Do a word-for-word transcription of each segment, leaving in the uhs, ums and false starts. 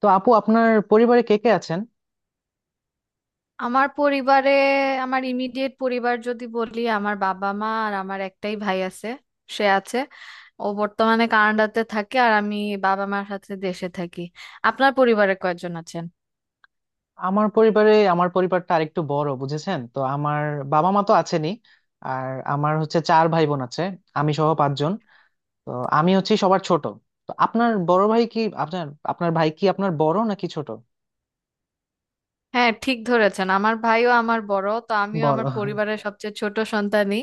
তো আপু, আপনার পরিবারে কে কে আছেন? আমার পরিবারে আমার ইমিডিয়েট পরিবার যদি বলি, আমার বাবা মা আর আমার একটাই ভাই আছে। সে আছে, ও বর্তমানে কানাডাতে থাকে আর আমি বাবা মার সাথে দেশে থাকি। আপনার পরিবারে কয়জন আছেন? আমার পরিবারে, আমার পরিবারটা আরেকটু বড়, বুঝেছেন? তো আমার বাবা মা তো আছেনই, আর আমার হচ্ছে চার ভাই বোন আছে, আমি সহ পাঁচজন। তো আমি হচ্ছি সবার ছোট। তো আপনার বড় ভাই কি আপনার আপনার ভাই কি আপনার বড় নাকি ছোট? হ্যাঁ, ঠিক ধরেছেন, আমার ভাইও আমার বড়, তো আমিও বড়। আমার পরিবারের সবচেয়ে ছোট সন্তানই।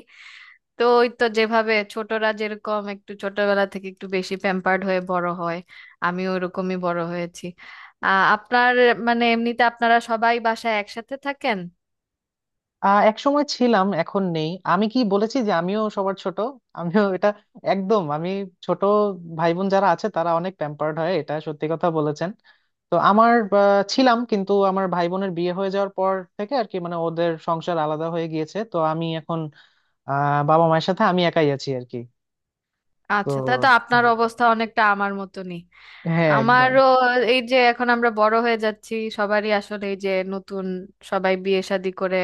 তো ওই তো, যেভাবে ছোটরা যেরকম একটু ছোটবেলা থেকে একটু বেশি প্যাম্পার্ড হয়ে বড় হয়, আমিও ওরকমই বড় হয়েছি। আহ আপনার মানে এমনিতে আপনারা সবাই বাসায় একসাথে থাকেন? আহ একসময় ছিলাম, এখন নেই। আমি কি বলেছি যে আমিও সবার ছোট? আমিও এটা, একদম আমি ছোট। ভাই বোন যারা আছে তারা অনেক প্যাম্পার্ড হয়, এটা সত্যি কথা বলেছেন। তো আমার আহ, ছিলাম, কিন্তু আমার ভাই বোনের বিয়ে হয়ে যাওয়ার পর থেকে আর কি, মানে ওদের সংসার আলাদা হয়ে গিয়েছে, তো আমি এখন আহ বাবা মায়ের সাথে আমি একাই আছি আর কি। তো আচ্ছা, তা তো হ্যাঁ। আপনার অবস্থা অনেকটা আমার মতনই। হ্যাঁ, একদম। আমারও এই যে এখন আমরা বড় হয়ে যাচ্ছি, সবারই আসলে এই যে নতুন, সবাই বিয়ে শাদী করে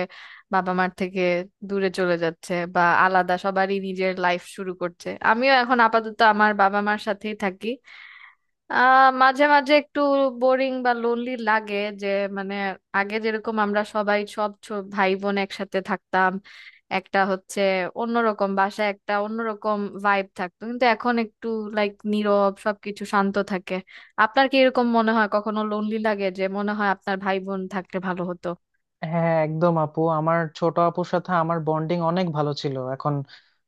বাবা মার থেকে দূরে চলে যাচ্ছে বা আলাদা, সবারই নিজের লাইফ শুরু করছে। আমিও এখন আপাতত আমার বাবা মার সাথেই থাকি। আহ, মাঝে মাঝে একটু বোরিং বা লোনলি লাগে যে, মানে আগে যেরকম আমরা সবাই সব ছো- ভাই বোন একসাথে থাকতাম, একটা হচ্ছে অন্যরকম বাসায় একটা অন্যরকম ভাইব থাকতো, কিন্তু এখন একটু লাইক নীরব, সবকিছু শান্ত থাকে। আপনার কি এরকম মনে হয় কখনো লোনলি লাগে, যে মনে হয় আপনার ভাই বোন থাকলে ভালো হতো? হ্যাঁ, একদম আপু, আমার ছোট আপুর সাথে আমার বন্ডিং অনেক ভালো ছিল। এখন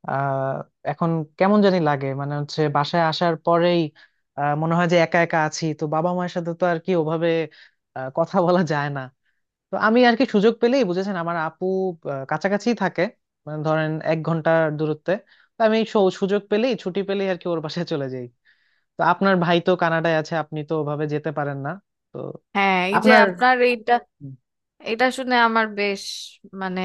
আহ এখন কেমন জানি লাগে, মানে হচ্ছে বাসায় আসার পরেই আহ, মনে হয় যে একা একা আছি। তো বাবা মায়ের সাথে তো আর কি ওভাবে আহ, কথা বলা যায় না। তো আমি আর কি সুযোগ পেলেই, বুঝেছেন, আমার আপু আহ, কাছাকাছি থাকে, মানে ধরেন এক ঘন্টার দূরত্বে। তো আমি সু- সুযোগ পেলেই, ছুটি পেলেই আর কি ওর বাসায় চলে যাই। তো আপনার ভাই তো কানাডায় আছে, আপনি তো ওভাবে যেতে পারেন না। তো হ্যাঁ, এই যে আপনার, আপনার এইটা, এটা শুনে আমার বেশ মানে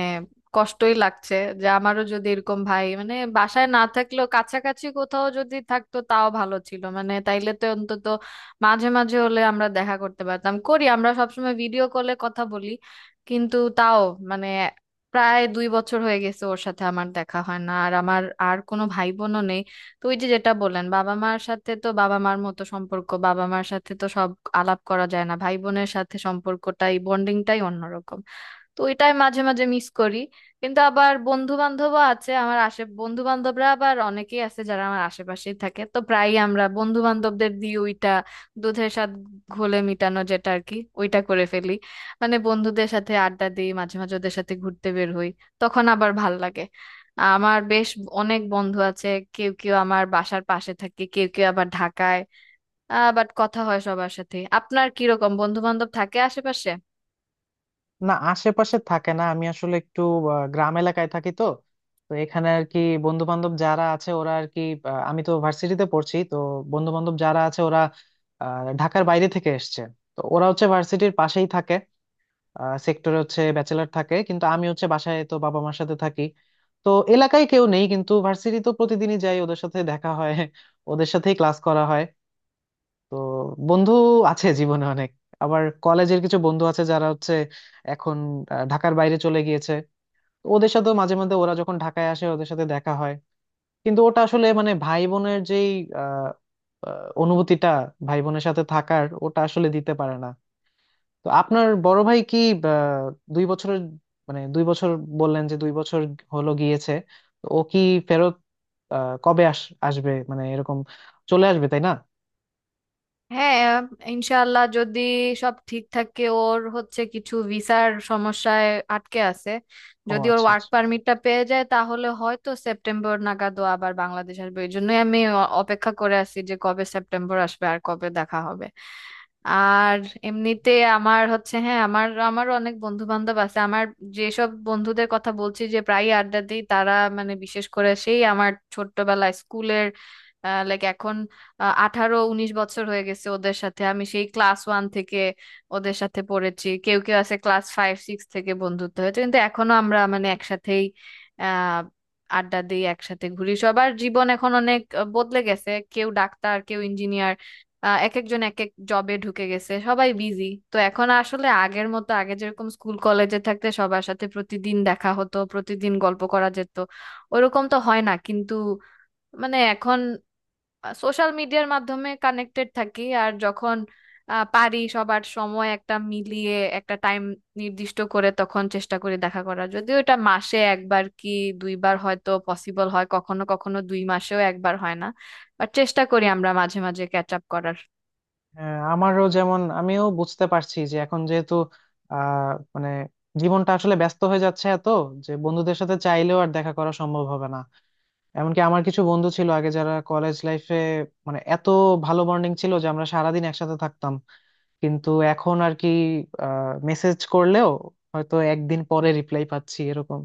কষ্টই লাগছে। যে আমারও যদি এরকম ভাই মানে বাসায় না থাকলেও কাছাকাছি কোথাও যদি থাকতো তাও ভালো ছিল, মানে তাইলে তো অন্তত মাঝে মাঝে হলে আমরা দেখা করতে পারতাম। করি আমরা সবসময় ভিডিও কলে কথা বলি, কিন্তু তাও মানে প্রায় দুই বছর হয়ে গেছে ওর সাথে আমার দেখা হয় না, আর আমার আর কোনো ভাই বোনও নেই। তো ওই যে যেটা বললেন, বাবা মার সাথে তো বাবা মার মতো সম্পর্ক, বাবা মার সাথে তো সব আলাপ করা যায় না, ভাই বোনের সাথে সম্পর্কটাই বন্ডিংটাই অন্যরকম। তো এটাই মাঝে মাঝে মিস করি। কিন্তু আবার বন্ধু বান্ধবও আছে আমার আশে, বন্ধু বান্ধবরা আবার অনেকেই আছে যারা আমার আশেপাশেই থাকে, তো প্রায়ই আমরা বন্ধু বান্ধবদের দিয়ে ওইটা দুধের স্বাদ ঘোলে মিটানো যেটা আর কি, ওইটা করে ফেলি। মানে বন্ধুদের সাথে আড্ডা দিই, মাঝে মাঝে ওদের সাথে ঘুরতে বের হই, তখন আবার ভাল লাগে। আমার বেশ অনেক বন্ধু আছে, কেউ কেউ আমার বাসার পাশে থাকে, কেউ কেউ আবার ঢাকায়, বাট কথা হয় সবার সাথে। আপনার কিরকম বন্ধু বান্ধব থাকে আশেপাশে? না আশেপাশে থাকে না। আমি আসলে একটু আহ, গ্রাম এলাকায় থাকি তো। তো এখানে আর কি বন্ধু বান্ধব যারা আছে ওরা আর কি, আহ, আমি তো ভার্সিটিতে পড়ছি তো বন্ধু বান্ধব যারা আছে ওরা আহ, ঢাকার বাইরে থেকে এসছে। তো ওরা হচ্ছে ভার্সিটির পাশেই থাকে, সেক্টরে হচ্ছে ব্যাচেলার থাকে। কিন্তু আমি হচ্ছে বাসায়, তো বাবা মার সাথে থাকি। তো এলাকায় কেউ নেই, কিন্তু ভার্সিটি তো প্রতিদিনই যাই, ওদের সাথে দেখা হয়, ওদের সাথেই ক্লাস করা হয়। তো বন্ধু আছে জীবনে অনেক। আবার কলেজের কিছু বন্ধু আছে যারা হচ্ছে এখন আহ, ঢাকার বাইরে চলে গিয়েছে। তো ওদের সাথেও মাঝে মাঝে, ওরা যখন ঢাকায় আসে ওদের সাথে দেখা হয়। কিন্তু ওটা আসলে মানে ভাই বোনের যেই আহ, আহ, অনুভূতিটা, ভাই বোনের সাথে থাকার, ওটা আসলে দিতে পারে না। তো আপনার বড় ভাই কি আহ, দুই বছরের, মানে দুই বছর বললেন যে দুই বছর হলো গিয়েছে। তো ও কি ফেরত আহ, কবে আস, আসবে মানে এরকম চলে আসবে, তাই না? হ্যাঁ, ইনশাআল্লাহ যদি সব ঠিক থাকে, ওর হচ্ছে কিছু ভিসার সমস্যায় আটকে আছে, ও যদি ওর আচ্ছা, ওয়ার্ক আচ্ছা। পারমিটটা পেয়ে যায় তাহলে হয়তো সেপ্টেম্বর নাগাদ ও আবার বাংলাদেশ আসবে। এই জন্যই আমি অ- অপেক্ষা করে আছি, যে কবে সেপ্টেম্বর আসবে আর কবে দেখা হবে। আর এমনিতে আমার হচ্ছে, হ্যাঁ আমার আমারও অনেক বন্ধু বান্ধব আছে। আমার যেসব বন্ধুদের কথা বলছি যে প্রায় আড্ডা দিই তারা, মানে বিশেষ করে সেই আমার ছোট্টবেলায় স্কুলের, লাইক এখন আহ, আঠারো উনিশ বছর হয়ে গেছে ওদের সাথে, আমি সেই ক্লাস ওয়ান থেকে ওদের সাথে পড়েছি। কেউ কেউ আছে ক্লাস ফাইভ সিক্স থেকে বন্ধুত্ব হয়েছে, কিন্তু এখনো আমরা মানে একসাথেই আহ আড্ডা দিই, একসাথে ঘুরি। সবার জীবন এখন অনেক আহ, বদলে গেছে, কেউ ডাক্তার কেউ ইঞ্জিনিয়ার, আহ এক একজন এক এক জবে ঢুকে গেছে, সবাই বিজি। তো এখন আসলে আগের মতো, আগে যেরকম স্কুল কলেজে থাকতে সবার সাথে প্রতিদিন দেখা হতো, প্রতিদিন গল্প করা যেত, ওরকম তো হয় না। কিন্তু মানে এখন সোশ্যাল মিডিয়ার মাধ্যমে কানেক্টেড থাকি, আর যখন আহ, পারি সবার সময় একটা মিলিয়ে একটা টাইম নির্দিষ্ট করে, তখন চেষ্টা করি দেখা করার। যদিও এটা মাসে একবার কি দুইবার হয়তো পসিবল হয়, কখনো কখনো দুই মাসেও একবার হয় না। বাট চেষ্টা করি আমরা মাঝে মাঝে ক্যাচ আপ করার। হ্যাঁ আমারও যেমন, আমিও বুঝতে পারছি যে এখন যেহেতু আহ মানে জীবনটা আসলে ব্যস্ত হয়ে যাচ্ছে এত, যে বন্ধুদের সাথে চাইলেও আর দেখা করা সম্ভব হবে না। এমনকি আমার কিছু বন্ধু ছিল আগে যারা কলেজ লাইফে, মানে এত ভালো বন্ডিং ছিল যে আমরা সারাদিন একসাথে থাকতাম। কিন্তু এখন আর কি আহ মেসেজ করলেও হয়তো একদিন পরে রিপ্লাই পাচ্ছি এরকম।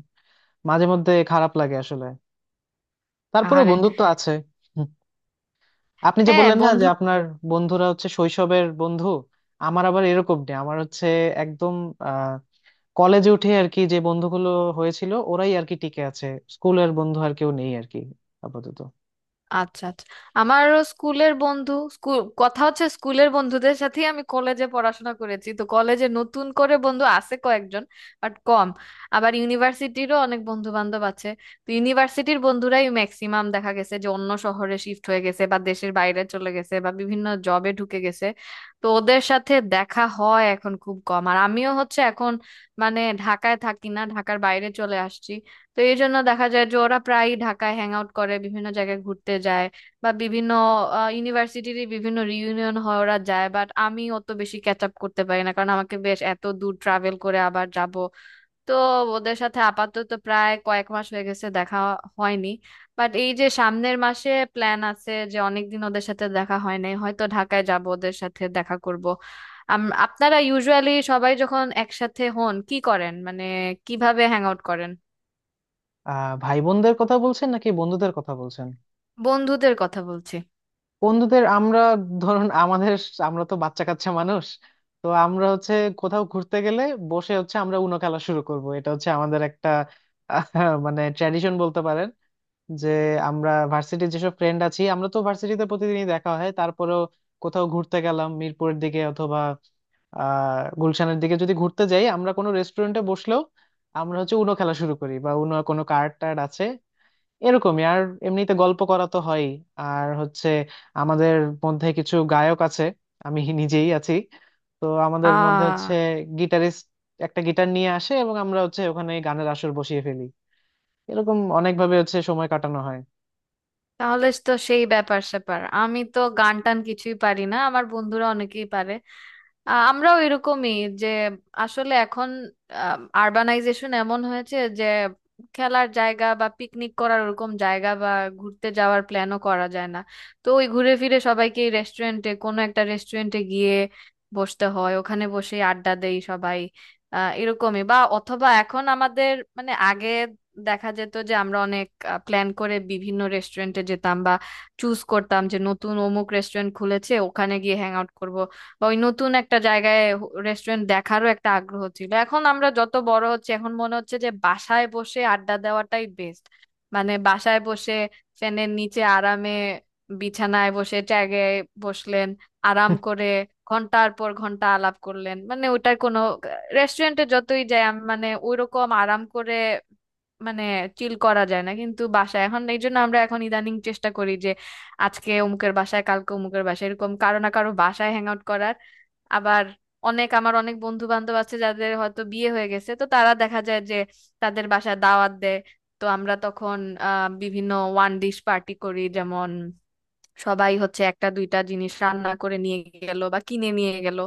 মাঝে মধ্যে খারাপ লাগে আসলে। তারপরে আরে, বন্ধুত্ব আছে। আপনি যে হ্যাঁ বললেন না যে বন্ধু। আপনার বন্ধুরা হচ্ছে শৈশবের বন্ধু, আমার আবার এরকম নেই। আমার হচ্ছে একদম আহ কলেজে উঠে আর কি যে বন্ধুগুলো হয়েছিল ওরাই আর কি টিকে আছে। স্কুলের বন্ধু আর কেউ নেই আর কি আপাতত। আচ্ছা আচ্ছা, আমারও স্কুলের বন্ধু, স্কুল কথা হচ্ছে স্কুলের বন্ধুদের সাথেই আমি কলেজে পড়াশোনা করেছি, তো কলেজে নতুন করে বন্ধু আছে কয়েকজন, বাট কম। আবার ইউনিভার্সিটিরও অনেক বন্ধু বান্ধব আছে, তো ইউনিভার্সিটির বন্ধুরাই ম্যাক্সিমাম দেখা গেছে যে অন্য শহরে শিফট হয়ে গেছে বা দেশের বাইরে চলে গেছে বা বিভিন্ন জবে ঢুকে গেছে। তো ওদের সাথে দেখা হয় এখন খুব কম, আর আমিও হচ্ছে এখন মানে ঢাকায় থাকি না, ঢাকার বাইরে চলে আসছি। তো এই জন্য দেখা যায় যে ওরা প্রায় ঢাকায় হ্যাং আউট করে, বিভিন্ন জায়গায় ঘুরতে যায় বা বিভিন্ন ইউনিভার্সিটির বিভিন্ন রিউনিয়ন হয় ওরা যায়, বাট আমি অত বেশি ক্যাচ আপ করতে পারি না, কারণ আমাকে বেশ এত দূর ট্রাভেল করে আবার যাব। তো ওদের সাথে আপাতত প্রায় কয়েক মাস হয়ে গেছে দেখা হয়নি। বাট এই যে সামনের মাসে প্ল্যান আছে, যে অনেকদিন ওদের সাথে দেখা হয় নাই, হয়তো ঢাকায় যাব ওদের সাথে দেখা করব। আম- আপনারা ইউজুয়ালি সবাই যখন একসাথে হন কি করেন, মানে কিভাবে হ্যাং আউট করেন? আহ ভাই বোনদের কথা বলছেন নাকি বন্ধুদের কথা বলছেন? বন্ধুদের কথা বলছি। বন্ধুদের, আমরা ধরুন আমাদের, আমরা তো বাচ্চা কাচ্চা মানুষ, তো আমরা হচ্ছে কোথাও ঘুরতে গেলে বসে হচ্ছে আমরা উনো খেলা শুরু করব, এটা হচ্ছে আমাদের একটা আহ, মানে ট্র্যাডিশন বলতে পারেন। যে আমরা ভার্সিটির যেসব ফ্রেন্ড আছি, আমরা তো ভার্সিটিতে প্রতিদিনই দেখা হয়, তারপরেও কোথাও ঘুরতে গেলাম মিরপুরের দিকে অথবা আহ গুলশানের দিকে যদি ঘুরতে যাই, আমরা কোনো রেস্টুরেন্টে বসলেও আমরা হচ্ছে উনো খেলা শুরু করি, বা উনো কোনো কার্ড টার্ড আছে এরকমই। আর এমনিতে গল্প করা তো হয়ই। আর হচ্ছে আমাদের মধ্যে কিছু গায়ক আছে, আমি নিজেই আছি। তো আমাদের মধ্যে আহ হচ্ছে গিটারিস্ট একটা গিটার নিয়ে আসে, এবং আমরা হচ্ছে ওখানে গানের আসর বসিয়ে ফেলি। এরকম অনেকভাবে হচ্ছে সময় কাটানো হয়। তাহলে তো সেই ব্যাপার স্যাপার, আমি তো গান টান কিছুই পারি না, আমার বন্ধুরা অনেকেই পারে। আ- আমরাও এরকমই যে, আসলে এখন আরবানাইজেশন এমন হয়েছে যে খেলার জায়গা বা পিকনিক করার ওরকম জায়গা বা ঘুরতে যাওয়ার প্ল্যানও করা যায় না। তো ওই ঘুরে ফিরে সবাইকে রেস্টুরেন্টে, কোনো একটা রেস্টুরেন্টে গিয়ে বসতে হয়, ওখানে বসে আড্ডা দেই সবাই। আহ এরকমই, বা অথবা এখন আমাদের মানে আগে দেখা যেত যে আমরা অনেক প্ল্যান করে বিভিন্ন রেস্টুরেন্টে যেতাম, বা চুজ করতাম যে নতুন অমুক রেস্টুরেন্ট খুলেছে ওখানে গিয়ে হ্যাং আউট করব, বা ওই নতুন একটা জায়গায় রেস্টুরেন্ট দেখারও একটা আগ্রহ ছিল। এখন আমরা যত বড় হচ্ছে এখন মনে হচ্ছে যে বাসায় বসে আড্ডা দেওয়াটাই বেস্ট। মানে বাসায় বসে ফ্যানের নিচে আরামে বিছানায় বসে ট্যাগে বসলেন, আরাম করে ঘন্টার পর ঘন্টা আলাপ করলেন, মানে ওটার কোনো, রেস্টুরেন্টে যতই যাই আমি মানে ওইরকম আরাম করে মানে চিল করা যায় না, কিন্তু বাসায়। এখন এই জন্য আমরা এখন ইদানিং চেষ্টা করি যে আজকে অমুকের বাসায় কালকে অমুকের বাসায় এরকম কারো না কারো বাসায় হ্যাং আউট করার। আবার অনেক আমার অনেক বন্ধু বান্ধব আছে যাদের হয়তো বিয়ে হয়ে গেছে, তো তারা দেখা যায় যে তাদের বাসায় দাওয়াত দেয়। তো আমরা তখন আহ বিভিন্ন ওয়ান ডিশ পার্টি করি, যেমন সবাই হচ্ছে একটা দুইটা জিনিস রান্না করে নিয়ে গেল বা কিনে নিয়ে গেল,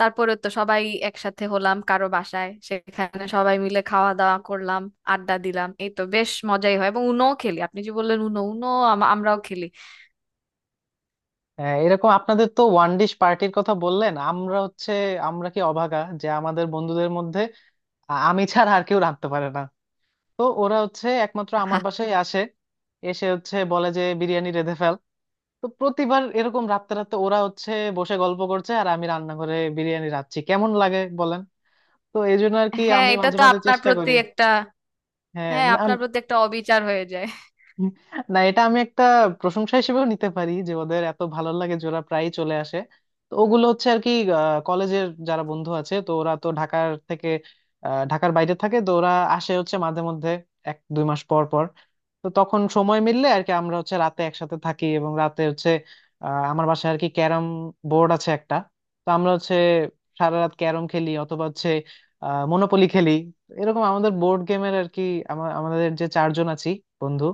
তারপরে তো সবাই একসাথে হলাম কারো বাসায়, সেখানে সবাই মিলে খাওয়া দাওয়া করলাম, আড্ডা দিলাম, এই তো বেশ মজাই হয়। এবং উনোও খেলি, আপনি যে বললেন উনো, উনো আম- আমরাও খেলি। হ্যাঁ এরকম আপনাদের তো ওয়ান ডিশ পার্টির কথা বললেন, আমরা হচ্ছে, আমরা কি অভাগা যে আমাদের বন্ধুদের মধ্যে আ- আমি ছাড়া আর কেউ রাঁধতে পারে না। তো ওরা হচ্ছে একমাত্র আমার বাসায় আসে, এসে হচ্ছে বলে যে বিরিয়ানি রেঁধে ফেল। তো প্রতিবার এরকম রাতে রাতে ওরা হচ্ছে বসে গল্প করছে আর আমি রান্নাঘরে বিরিয়ানি রাঁধছি, কেমন লাগে বলেন? তো এই জন্য আর কি হ্যাঁ আমি এটা মাঝে তো মাঝে আপনার চেষ্টা প্রতি করি। একটা, হ্যাঁ হ্যাঁ মানে, আপনার প্রতি একটা অবিচার হয়ে যায়। না এটা আমি একটা প্রশংসা হিসেবেও নিতে পারি যে ওদের এত ভালো লাগে যে ওরা প্রায়ই চলে আসে। তো ওগুলো হচ্ছে আর কি আহ, কলেজের যারা বন্ধু আছে, তো ওরা তো ঢাকার থেকে আহ, ঢাকার বাইরে থাকে, তো ওরা আসে হচ্ছে মাঝে মধ্যে, এক দুই মাস পর পর। তো তখন সময় মিললে আর কি আমরা হচ্ছে রাতে একসাথে থাকি, এবং রাতে হচ্ছে আহ, আমার বাসায় আর কি ক্যারাম বোর্ড আছে একটা। তো আমরা হচ্ছে সারা রাত ক্যারম খেলি, অথবা হচ্ছে মনোপলি খেলি, এরকম আমাদের বোর্ড গেমের আর কি, আমা- আমাদের যে চারজন আছি বন্ধু,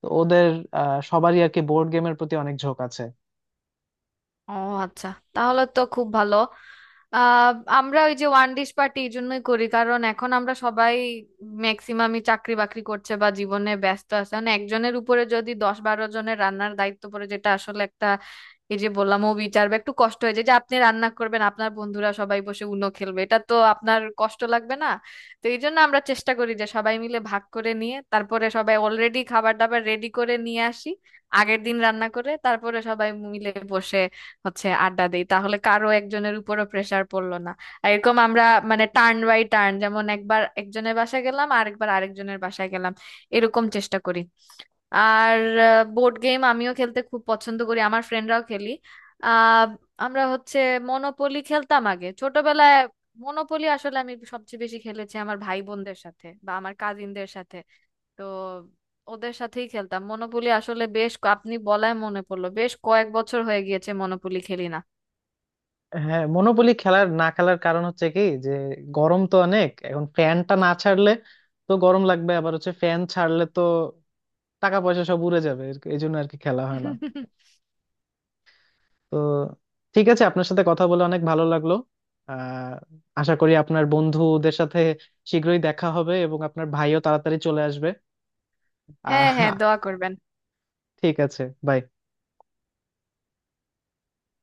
তো ওদের আহ, সবারই আর কি বোর্ড গেমের প্রতি অনেক ঝোঁক আছে। ও আচ্ছা, তাহলে তো খুব ভালো। আহ আমরা ওই যে ওয়ান ডিশ পার্টি এই জন্যই করি, কারণ এখন আমরা সবাই ম্যাক্সিমামই চাকরি বাকরি করছে বা জীবনে ব্যস্ত আছে, মানে একজনের উপরে যদি দশ বারো জনের রান্নার দায়িত্ব পড়ে, যেটা আসলে একটা এই যে বললাম ও বিচার বা একটু কষ্ট হয়ে যায়, যে আপনি রান্না করবেন আপনার বন্ধুরা সবাই বসে উনো খেলবে, এটা তো আপনার কষ্ট লাগবে না? তো এই জন্য আমরা চেষ্টা করি যে সবাই মিলে ভাগ করে নিয়ে, তারপরে সবাই অলরেডি খাবার দাবার রেডি করে নিয়ে আসি, আগের দিন রান্না করে, তারপরে সবাই মিলে বসে হচ্ছে আড্ডা দিই, তাহলে কারো একজনের উপরও প্রেসার পড়লো না। আর এরকম আমরা মানে টার্ন বাই টার্ন, যেমন একবার একজনের বাসায় গেলাম আর একবার আরেকজনের বাসায় গেলাম, এরকম চেষ্টা করি। আর বোর্ড গেম আমিও খেলতে খুব পছন্দ করি, আমার ফ্রেন্ডরাও খেলি। আহ আমরা হচ্ছে মনোপলি খেলতাম আগে ছোটবেলায়। মনোপলি আসলে আমি সবচেয়ে বেশি খেলেছি আমার ভাই বোনদের সাথে বা আমার কাজিনদের সাথে, তো ওদের সাথেই খেলতাম। মনোপলি আসলে বেশ ক- আপনি বলায় মনে পড়লো, বেশ কয়েক বছর হয়ে গিয়েছে মনোপলি খেলি না। হ্যাঁ মনোপলি খেলার, না খেলার কারণ হচ্ছে কি যে গরম তো অনেক, এখন ফ্যানটা না ছাড়লে তো গরম লাগবে, আবার হচ্ছে ফ্যান ছাড়লে তো টাকা পয়সা সব উড়ে যাবে, এর- এই জন্য আর কি খেলা হয় না। তো ঠিক আছে, আপনার সাথে কথা বলে অনেক ভালো লাগলো। আহ আশা করি আপনার বন্ধুদের সাথে শীঘ্রই দেখা হবে, এবং আপনার ভাইও তাড়াতাড়ি চলে আসবে। হ্যাঁ হ্যাঁ, আহ দোয়া করবেন। ঠিক আছে। বাই।